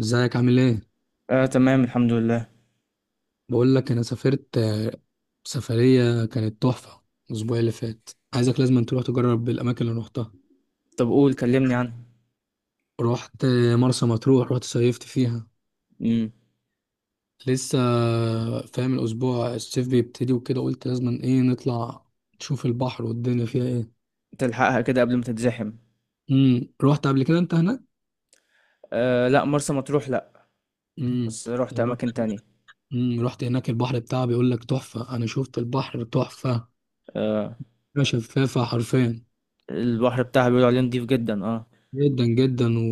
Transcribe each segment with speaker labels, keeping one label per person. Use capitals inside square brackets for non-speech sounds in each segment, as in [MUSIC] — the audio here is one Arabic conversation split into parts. Speaker 1: ازيك؟ عامل ايه؟
Speaker 2: آه، تمام، الحمد لله.
Speaker 1: بقول لك انا سافرت سفريه كانت تحفه الاسبوع اللي فات. عايزك لازم تروح تجرب الاماكن اللي روحتها.
Speaker 2: طب، قول كلمني عنها.
Speaker 1: رحت مرسى مطروح، رحت صيفت فيها
Speaker 2: امم.
Speaker 1: لسه. فاهم الاسبوع الصيف بيبتدي وكده، قلت لازم ايه، نطلع نشوف البحر والدنيا فيها ايه.
Speaker 2: تلحقها كده قبل ما تتزحم؟
Speaker 1: رحت قبل كده انت هناك؟
Speaker 2: آه، لا، مرسى مطروح لا.
Speaker 1: امم.
Speaker 2: بس رحت اماكن تانية.
Speaker 1: رحت هناك، البحر بتاعها بيقول لك تحفه، انا شفت البحر تحفه،
Speaker 2: آه،
Speaker 1: شفافه حرفيا،
Speaker 2: البحر بتاعها بيقولوا عليه نضيف جدا، اه.
Speaker 1: جدا جدا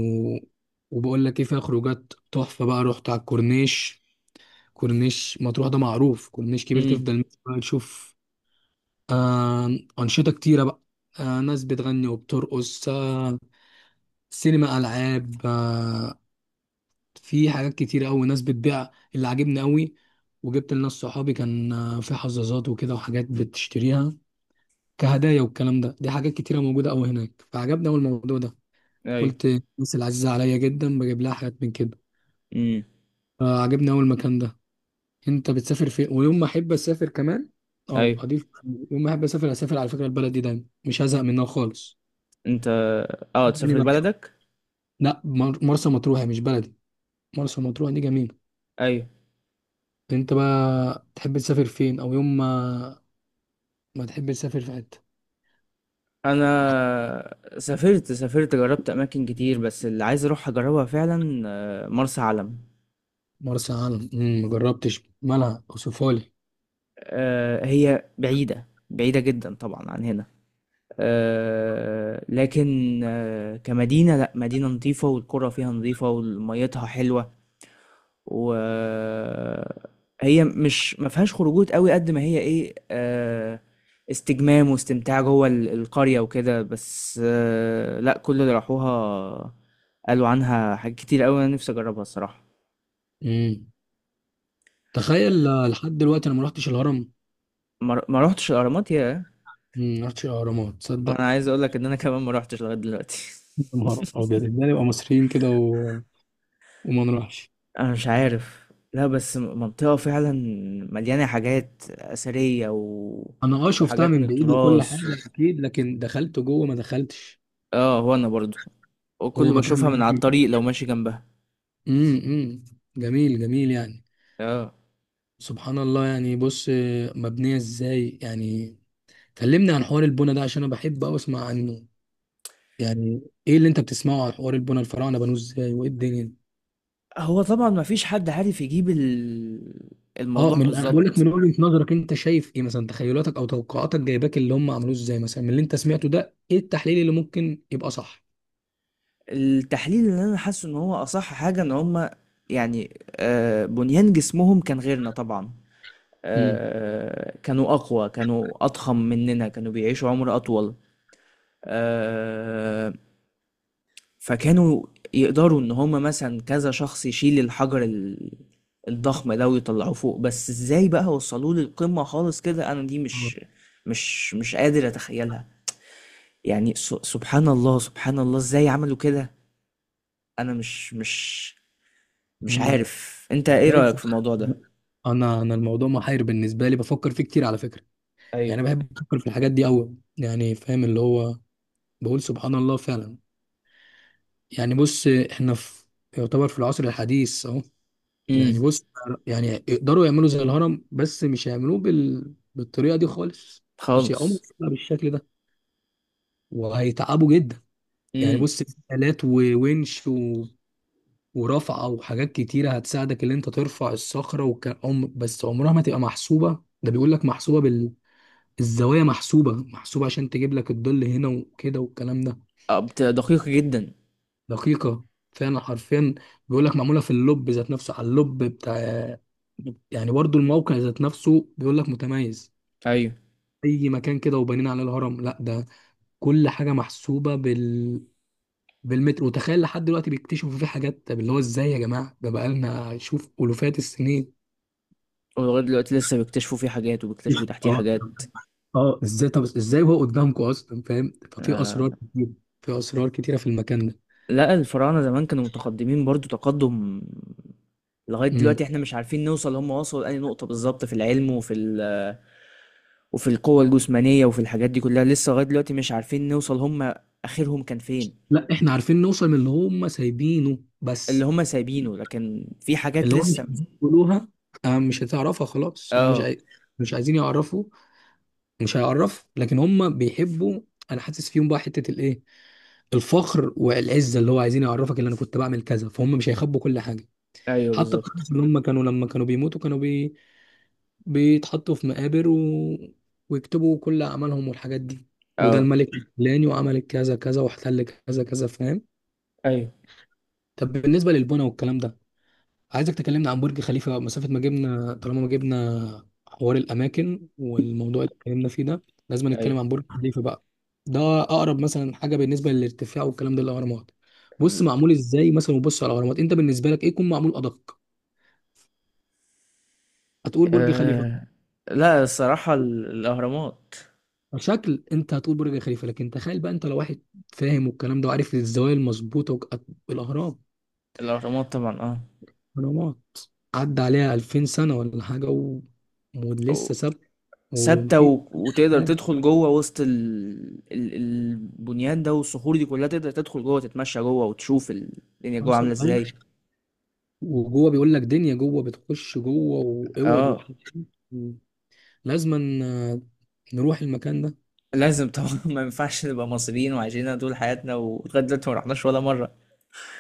Speaker 1: وبقول لك ايه، فيها خروجات تحفه بقى. رحت على الكورنيش، كورنيش مطروح ده معروف، كورنيش كبير
Speaker 2: امم.
Speaker 1: تفضل ماشي بقى تشوف. آه... انشطه كتيره بقى، ناس بتغني وبترقص، سينما، العاب، في حاجات كتيره قوي، ناس بتبيع اللي عاجبني قوي. وجبت لناس صحابي، كان في حظاظات وكده وحاجات بتشتريها كهدايا والكلام ده. دي حاجات كتيره موجوده قوي هناك، فعجبني قوي الموضوع ده.
Speaker 2: ايوه.
Speaker 1: قلت الناس العزيزه عليا جدا بجيب لها حاجات من كده.
Speaker 2: امم.
Speaker 1: آه عجبني أول مكان ده. أنت بتسافر فين ويوم ما أحب أسافر كمان؟ أه
Speaker 2: ايوه.
Speaker 1: أضيف، يوم ما أحب أسافر أسافر، على فكرة البلد دي دايما مش هزهق منها خالص.
Speaker 2: انت اه
Speaker 1: يعني
Speaker 2: تسافر
Speaker 1: بقى،
Speaker 2: لبلدك؟
Speaker 1: لا مرسى مطروح هي مش بلدي، مرسى مطروح دي جميلة.
Speaker 2: ايوه.
Speaker 1: أنت بقى تحب تسافر فين؟ أو يوم ما ما تحب تسافر في حتة؟
Speaker 2: انا سافرت جربت اماكن كتير، بس اللي عايز اروح اجربها فعلا مرسى علم.
Speaker 1: مرسى علم؟ ما جربتش، مالها وسفالي؟
Speaker 2: هي بعيدة بعيدة جدا طبعا عن هنا. لكن كمدينة، لا، مدينة نظيفة والقرى فيها نظيفة وميتها حلوة. وهي مش ما فيهاش خروجات قوي قد ما هي ايه، استجمام واستمتاع جوه القرية وكده، بس لا، كل اللي راحوها قالوا عنها حاجات كتير قوي، انا نفسي اجربها الصراحة.
Speaker 1: مم. تخيل، لحد دلوقتي أنا ما رحتش الهرم.
Speaker 2: ما روحتش الاهرامات، يا.
Speaker 1: ما رحتش الأهرامات،
Speaker 2: انا
Speaker 1: تصدق؟
Speaker 2: عايز اقول لك ان انا كمان ما روحتش لغاية دلوقتي.
Speaker 1: يا نهار
Speaker 2: [LAUGHS]
Speaker 1: أبيض، إزاي نبقى مصريين كده وما نروحش.
Speaker 2: انا مش عارف، لا، بس منطقة فعلا مليانة حاجات أثرية،
Speaker 1: انا اه شفتها
Speaker 2: وحاجات من
Speaker 1: من بعيد وكل
Speaker 2: التراث،
Speaker 1: حاجه، اكيد، لكن دخلت جوه ما دخلتش.
Speaker 2: اه، هو انا برضو،
Speaker 1: هو
Speaker 2: وكله
Speaker 1: مكان
Speaker 2: بشوفها من على
Speaker 1: جميل.
Speaker 2: الطريق لو ماشي جنبها.
Speaker 1: امم. إمم. جميل جميل يعني،
Speaker 2: اه،
Speaker 1: سبحان الله. يعني بص، مبنيه ازاي يعني؟ كلمني عن حوار البنا ده عشان انا بحب أوي اسمع عنه. يعني ايه اللي انت بتسمعه عن حوار البنا؟ الفراعنه بنوه ازاي؟ وايه الدنيا دي؟
Speaker 2: هو طبعا ما فيش حد عارف يجيب
Speaker 1: اه،
Speaker 2: الموضوع
Speaker 1: من، أنا بقول لك،
Speaker 2: بالظبط.
Speaker 1: من وجهه نظرك انت شايف ايه مثلا؟ تخيلاتك او توقعاتك جايباك اللي هم عملوه ازاي مثلا؟ من اللي انت سمعته ده، ايه التحليل اللي ممكن يبقى صح؟
Speaker 2: التحليل اللي انا حاسه ان هو اصح حاجة، ان هما يعني بنيان جسمهم كان غيرنا طبعا.
Speaker 1: امم.
Speaker 2: كانوا اقوى، كانوا اضخم مننا، كانوا بيعيشوا عمر اطول. آه فكانوا يقدروا ان هم مثلا كذا شخص يشيل الحجر الضخم ده ويطلعوه فوق. بس ازاي بقى وصلوه للقمة خالص، كده انا دي مش قادر اتخيلها. يعني سبحان الله، سبحان الله، ازاي عملوا كده. انا مش
Speaker 1: امم.
Speaker 2: عارف، انت ايه
Speaker 1: ازاي
Speaker 2: رأيك في
Speaker 1: صح.
Speaker 2: الموضوع ده؟
Speaker 1: انا الموضوع محير بالنسبه لي، بفكر فيه كتير على فكره.
Speaker 2: ايوه.
Speaker 1: يعني بحب افكر في الحاجات دي قوي، يعني فاهم، اللي هو بقول سبحان الله فعلا. يعني بص، احنا في، يعتبر في العصر الحديث اهو، يعني
Speaker 2: امم.
Speaker 1: بص، يعني يقدروا يعملوا زي الهرم، بس مش هيعملوه بالطريقه دي خالص، مش هيقوموا
Speaker 2: خالص.
Speaker 1: بيها بالشكل ده، وهيتعبوا جدا. يعني
Speaker 2: امم.
Speaker 1: بص، في آلات وونش ورفعه وحاجات كتيره هتساعدك ان انت ترفع الصخره بس عمرها ما تبقى محسوبه، ده بيقول لك محسوبه، الزوايا محسوبة محسوبة عشان تجيب لك الظل هنا وكده والكلام ده.
Speaker 2: آه، دقيق جدا.
Speaker 1: دقيقة فعلا، حرفيا. بيقول لك معمولة في اللب ذات نفسه، على اللب بتاع، يعني برضو الموقع ذات نفسه بيقول لك متميز.
Speaker 2: ايوه.
Speaker 1: أي مكان كده وبنين عليه الهرم؟ لا، ده كل حاجة محسوبة بال، بالمتر. وتخيل لحد دلوقتي بيكتشفوا فيه حاجات. طب اللي هو ازاي يا جماعة؟ ده بقالنا شوف ألوفات السنين.
Speaker 2: ولغايه دلوقتي لسه بيكتشفوا فيه حاجات وبيكتشفوا
Speaker 1: [LAUGHS]
Speaker 2: تحتيه
Speaker 1: اه،
Speaker 2: حاجات.
Speaker 1: اه ازاي، طب ازاي هو قدامكم اصلا، فاهم؟ ففي
Speaker 2: آه.
Speaker 1: اسرار كتير، في اسرار كتيره في المكان
Speaker 2: لأ، الفراعنة زمان كانوا متقدمين برضه تقدُّم. لغاية
Speaker 1: ده.
Speaker 2: دلوقتي إحنا مش عارفين نوصل هم وصلوا لأنهي نقطة بالضبط، في العلم وفي القوة الجسمانية وفي الحاجات دي كلّها، لسه لغاية دلوقتي مش عارفين نوصل هم آخرهم كان فين.
Speaker 1: لا احنا عارفين نوصل من اللي هم سايبينه
Speaker 2: اللي
Speaker 1: بس،
Speaker 2: هم سايبينه، لكن في حاجات
Speaker 1: اللي هو
Speaker 2: لسه
Speaker 1: مش
Speaker 2: م
Speaker 1: عايزين يقولوها. مش هتعرفها خلاص، هم
Speaker 2: آه.
Speaker 1: مش عايزين يعرفوا، مش هيعرف. لكن هم بيحبوا، انا حاسس فيهم بقى حتة الايه، الفخر والعزة، اللي هو عايزين يعرفك اللي انا كنت بعمل كذا، فهم مش هيخبوا كل حاجة.
Speaker 2: أيوه،
Speaker 1: حتى
Speaker 2: بالضبط.
Speaker 1: القصص، اللي هم كانوا لما كانوا بيموتوا كانوا بيتحطوا في مقابر ويكتبوا كل اعمالهم والحاجات دي، وده
Speaker 2: آه.
Speaker 1: الملك الفلاني وعمل كذا كذا واحتل كذا كذا، فاهم.
Speaker 2: أيوه.
Speaker 1: طب بالنسبة للبنى والكلام ده، عايزك تكلمنا عن برج خليفة بقى، مسافة ما جبنا، طالما ما جبنا حوار الأماكن والموضوع اللي اتكلمنا فيه ده، لازم نتكلم
Speaker 2: أيوه.
Speaker 1: عن برج خليفة بقى. ده أقرب مثلا حاجة بالنسبة للارتفاع والكلام ده للأهرامات. بص
Speaker 2: ال
Speaker 1: معمول إزاي مثلا، وبص على الأهرامات، أنت بالنسبة لك إيه يكون معمول أدق؟ هتقول برج خليفة
Speaker 2: آآ لأ، الصراحة الأهرامات.
Speaker 1: كشكل. أنت هتقول برج خليفة، لكن تخيل بقى أنت لو واحد فاهم والكلام ده وعارف الزوايا المظبوطة الأهرام،
Speaker 2: الأهرامات طبعًا.
Speaker 1: الأهرامات عدى عليها 2000 سنة ولا حاجة
Speaker 2: و
Speaker 1: ولسه ثابت،
Speaker 2: ثابته
Speaker 1: ومفيش
Speaker 2: وتقدر
Speaker 1: حاجة.
Speaker 2: تدخل جوه وسط البنيان ده والصخور دي كلها، تقدر تدخل جوه تتمشى جوه وتشوف الدنيا جوه عامله
Speaker 1: حصل أيوه،
Speaker 2: ازاي.
Speaker 1: وجوه بيقول لك دنيا، جوه بتخش جوه، واوض
Speaker 2: اه،
Speaker 1: وحاجات. لازما آه، نروح المكان ده.
Speaker 2: لازم طبعا. [LAUGHS] ما ينفعش نبقى مصريين وعايشين هنا طول حياتنا ولغايه دلوقتي ما رحناش ولا مره.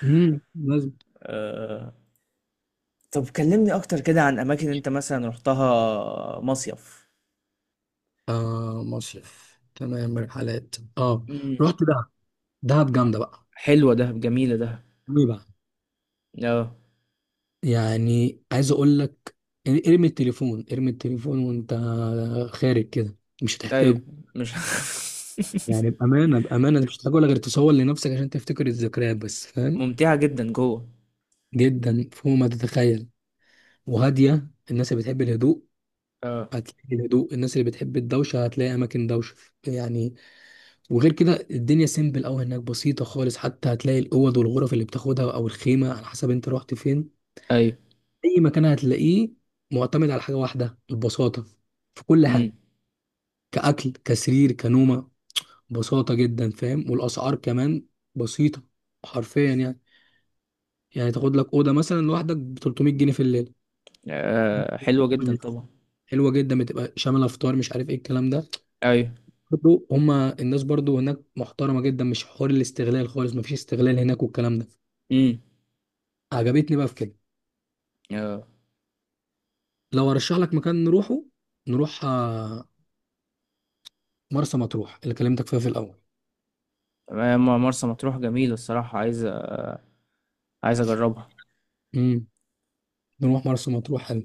Speaker 1: لازم.
Speaker 2: آه. طب كلمني اكتر كده عن اماكن انت مثلا رحتها مصيف.
Speaker 1: آه مصيف تمام، رحلات اه،
Speaker 2: امم.
Speaker 1: رحت دهب، دهب جامده بقى.
Speaker 2: حلوه ده، جميله ده.
Speaker 1: ايه بقى؟
Speaker 2: اه.
Speaker 1: يعني عايز اقول لك، ارمي التليفون، ارمي التليفون وانت خارج كده، مش
Speaker 2: ايوه.
Speaker 1: هتحتاجه.
Speaker 2: مش
Speaker 1: يعني
Speaker 2: [LAUGHS]
Speaker 1: بامانه بامانه مش هتحتاجه، ولا غير تصور لنفسك عشان تفتكر الذكريات بس، فاهم.
Speaker 2: ممتعه جدا جوه.
Speaker 1: جدا، فوق ما تتخيل. وهاديه، الناس اللي بتحب الهدوء
Speaker 2: اه.
Speaker 1: هتلاقي الهدوء، الناس اللي بتحب الدوشة هتلاقي أماكن دوشة، يعني. وغير كده الدنيا سيمبل أوي هناك، بسيطة خالص، حتى هتلاقي الأوض والغرف اللي بتاخدها أو الخيمة، على حسب أنت رحت فين.
Speaker 2: ايوه.
Speaker 1: أي مكان هتلاقيه معتمد على حاجة واحدة، البساطة في كل
Speaker 2: امم.
Speaker 1: حاجة، كأكل كسرير كنومة، بساطة جدا فاهم. والأسعار كمان بسيطة، حرفيا يعني. يعني تاخد لك أوضة مثلا لوحدك ب 300 جنيه في الليل.
Speaker 2: آه. حلوه جدا
Speaker 1: [LAUGHS]
Speaker 2: طبعا.
Speaker 1: حلوة جدا، بتبقى شاملة فطار مش عارف إيه الكلام ده.
Speaker 2: أيوه.
Speaker 1: برضو هما الناس برضو هناك محترمة جدا، مش حوار الاستغلال خالص، مفيش استغلال هناك والكلام ده.
Speaker 2: إمم.
Speaker 1: عجبتني بقى في كده.
Speaker 2: آه.
Speaker 1: لو ارشح لك مكان نروحه، نروح مرسى مطروح اللي كلمتك فيها في الاول.
Speaker 2: ما مرسى مطروح جميلة، الصراحة عايز أجرّبها.
Speaker 1: امم، نروح مرسى مطروح، حلو.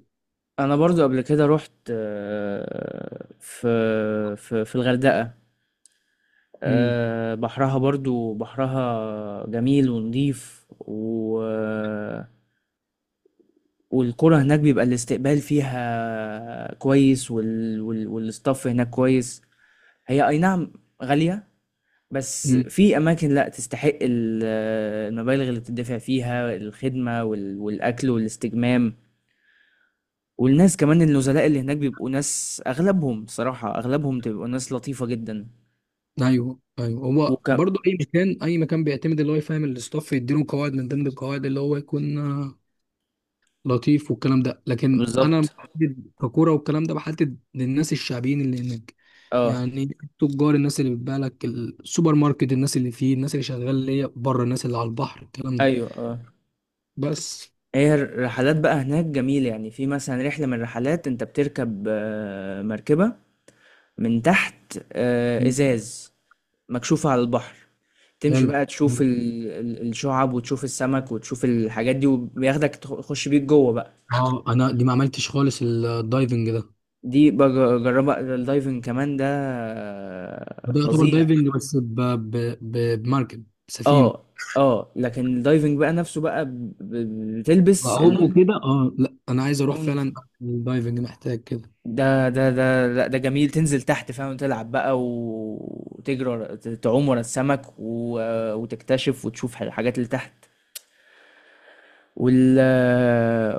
Speaker 2: أنا برضه قبل كده رُحت، في الغردقة،
Speaker 1: امم.
Speaker 2: بحرها جميل ونضيف، والقرى هناك بيبقى الاستقبال فيها كويس، والstaff هناك كويس. هي، أي نعم، غالية. بس
Speaker 1: امم.
Speaker 2: في اماكن لا تستحق المبالغ اللي بتدفع فيها، الخدمه والاكل والاستجمام. والناس كمان، النزلاء اللي هناك بيبقوا ناس، اغلبهم صراحه اغلبهم بتبقوا ناس لطيفه جدا.
Speaker 1: ايوه ايوه، هو
Speaker 2: وك
Speaker 1: برضو اي مكان، اي مكان بيعتمد اللي هو يفهم الاستاف، يديله قواعد، من ضمن القواعد اللي هو يكون لطيف والكلام ده. لكن انا
Speaker 2: بالظبط.
Speaker 1: بحدد ككوره والكلام ده، بحدد للناس الشعبيين اللي هناك،
Speaker 2: اه.
Speaker 1: يعني التجار، الناس اللي بتبيع لك، السوبر ماركت، الناس اللي فيه، الناس اللي شغال ليا بره، الناس اللي على البحر، الكلام ده
Speaker 2: ايوه. اه.
Speaker 1: بس.
Speaker 2: هي الرحلات بقى هناك جميله، يعني في مثلا رحله من الرحلات، انت بتركب مركبه من تحت،
Speaker 1: مم.
Speaker 2: ازاز مكشوفه على البحر. تمشي
Speaker 1: حلو.
Speaker 2: بقى تشوف الشعب، وتشوف السمك وتشوف الحاجات دي، وبياخدك تخش بيك جوه بقى.
Speaker 1: اه انا دي ما عملتش خالص الدايفنج ده.
Speaker 2: دي بجربها، الدايفنج كمان ده
Speaker 1: ده يعتبر
Speaker 2: فظيع.
Speaker 1: دايفنج بس بمركب سفينه.
Speaker 2: اه، اه، لكن الدايفنج بقى نفسه بقى بتلبس
Speaker 1: بعوم وكده، اه لا انا عايز اروح
Speaker 2: الهدوم.
Speaker 1: فعلا، الدايفنج محتاج كده.
Speaker 2: ده، لا، ده جميل، تنزل تحت، فاهم، تلعب بقى وتجري تعوم ورا السمك، وتكتشف وتشوف الحاجات اللي تحت. وال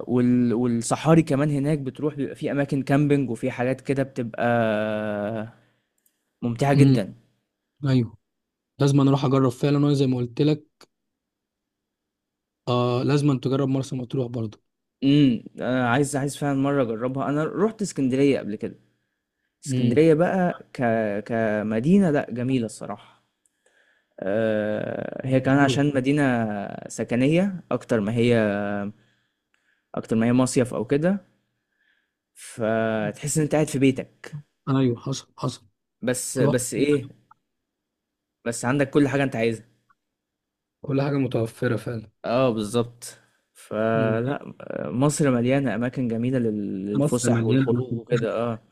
Speaker 2: والصحاري كمان هناك بتروح، بيبقى في اماكن كامبينج وفي حاجات كده، بتبقى ممتعة
Speaker 1: امم.
Speaker 2: جدا.
Speaker 1: ايوه، لازم انا اروح اجرب فعلا، وانا زي ما قلت لك، آه لازم أن تجرب مرسى مطروح برضه.
Speaker 2: امم. انا عايز فعلا مرة اجربها. انا رحت اسكندرية قبل كده.
Speaker 1: امم،
Speaker 2: اسكندرية بقى كمدينة، لا، جميلة الصراحة. هي كمان
Speaker 1: مشروع.
Speaker 2: عشان مدينة سكنية، اكتر ما هي مصيف او كده، فتحس ان انت قاعد في بيتك.
Speaker 1: ايوه حصل، حصل،
Speaker 2: بس
Speaker 1: رحت،
Speaker 2: بس ايه، بس عندك كل حاجة انت عايزها.
Speaker 1: كل حاجه متوفره فعلا.
Speaker 2: اه، بالظبط.
Speaker 1: مم.
Speaker 2: فلا مصر مليانة أماكن جميلة
Speaker 1: مصر
Speaker 2: للفسح
Speaker 1: مليانه
Speaker 2: والخروج
Speaker 1: أماكن.
Speaker 2: وكده، اه.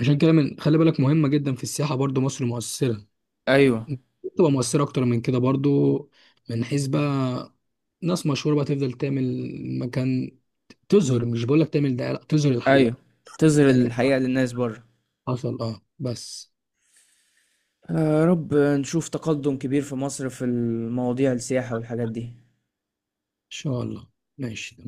Speaker 1: عشان كده من خلي بالك، مهمة جدا في السياحة، برضو مصر مؤثرة،
Speaker 2: أيوه.
Speaker 1: تبقى مؤثرة أكتر من كده برضو، من حيث بقى ناس مشهورة بقى تفضل تعمل مكان، تظهر، مش بقولك تعمل دعاية، لا تظهر
Speaker 2: أيوه.
Speaker 1: الحقيقة
Speaker 2: تظهر
Speaker 1: يعني.
Speaker 2: الحقيقة للناس بره.
Speaker 1: حصل اه، بس.
Speaker 2: آه، يا رب نشوف تقدم كبير في مصر في المواضيع السياحة والحاجات دي.
Speaker 1: إن شاء الله. ماشي.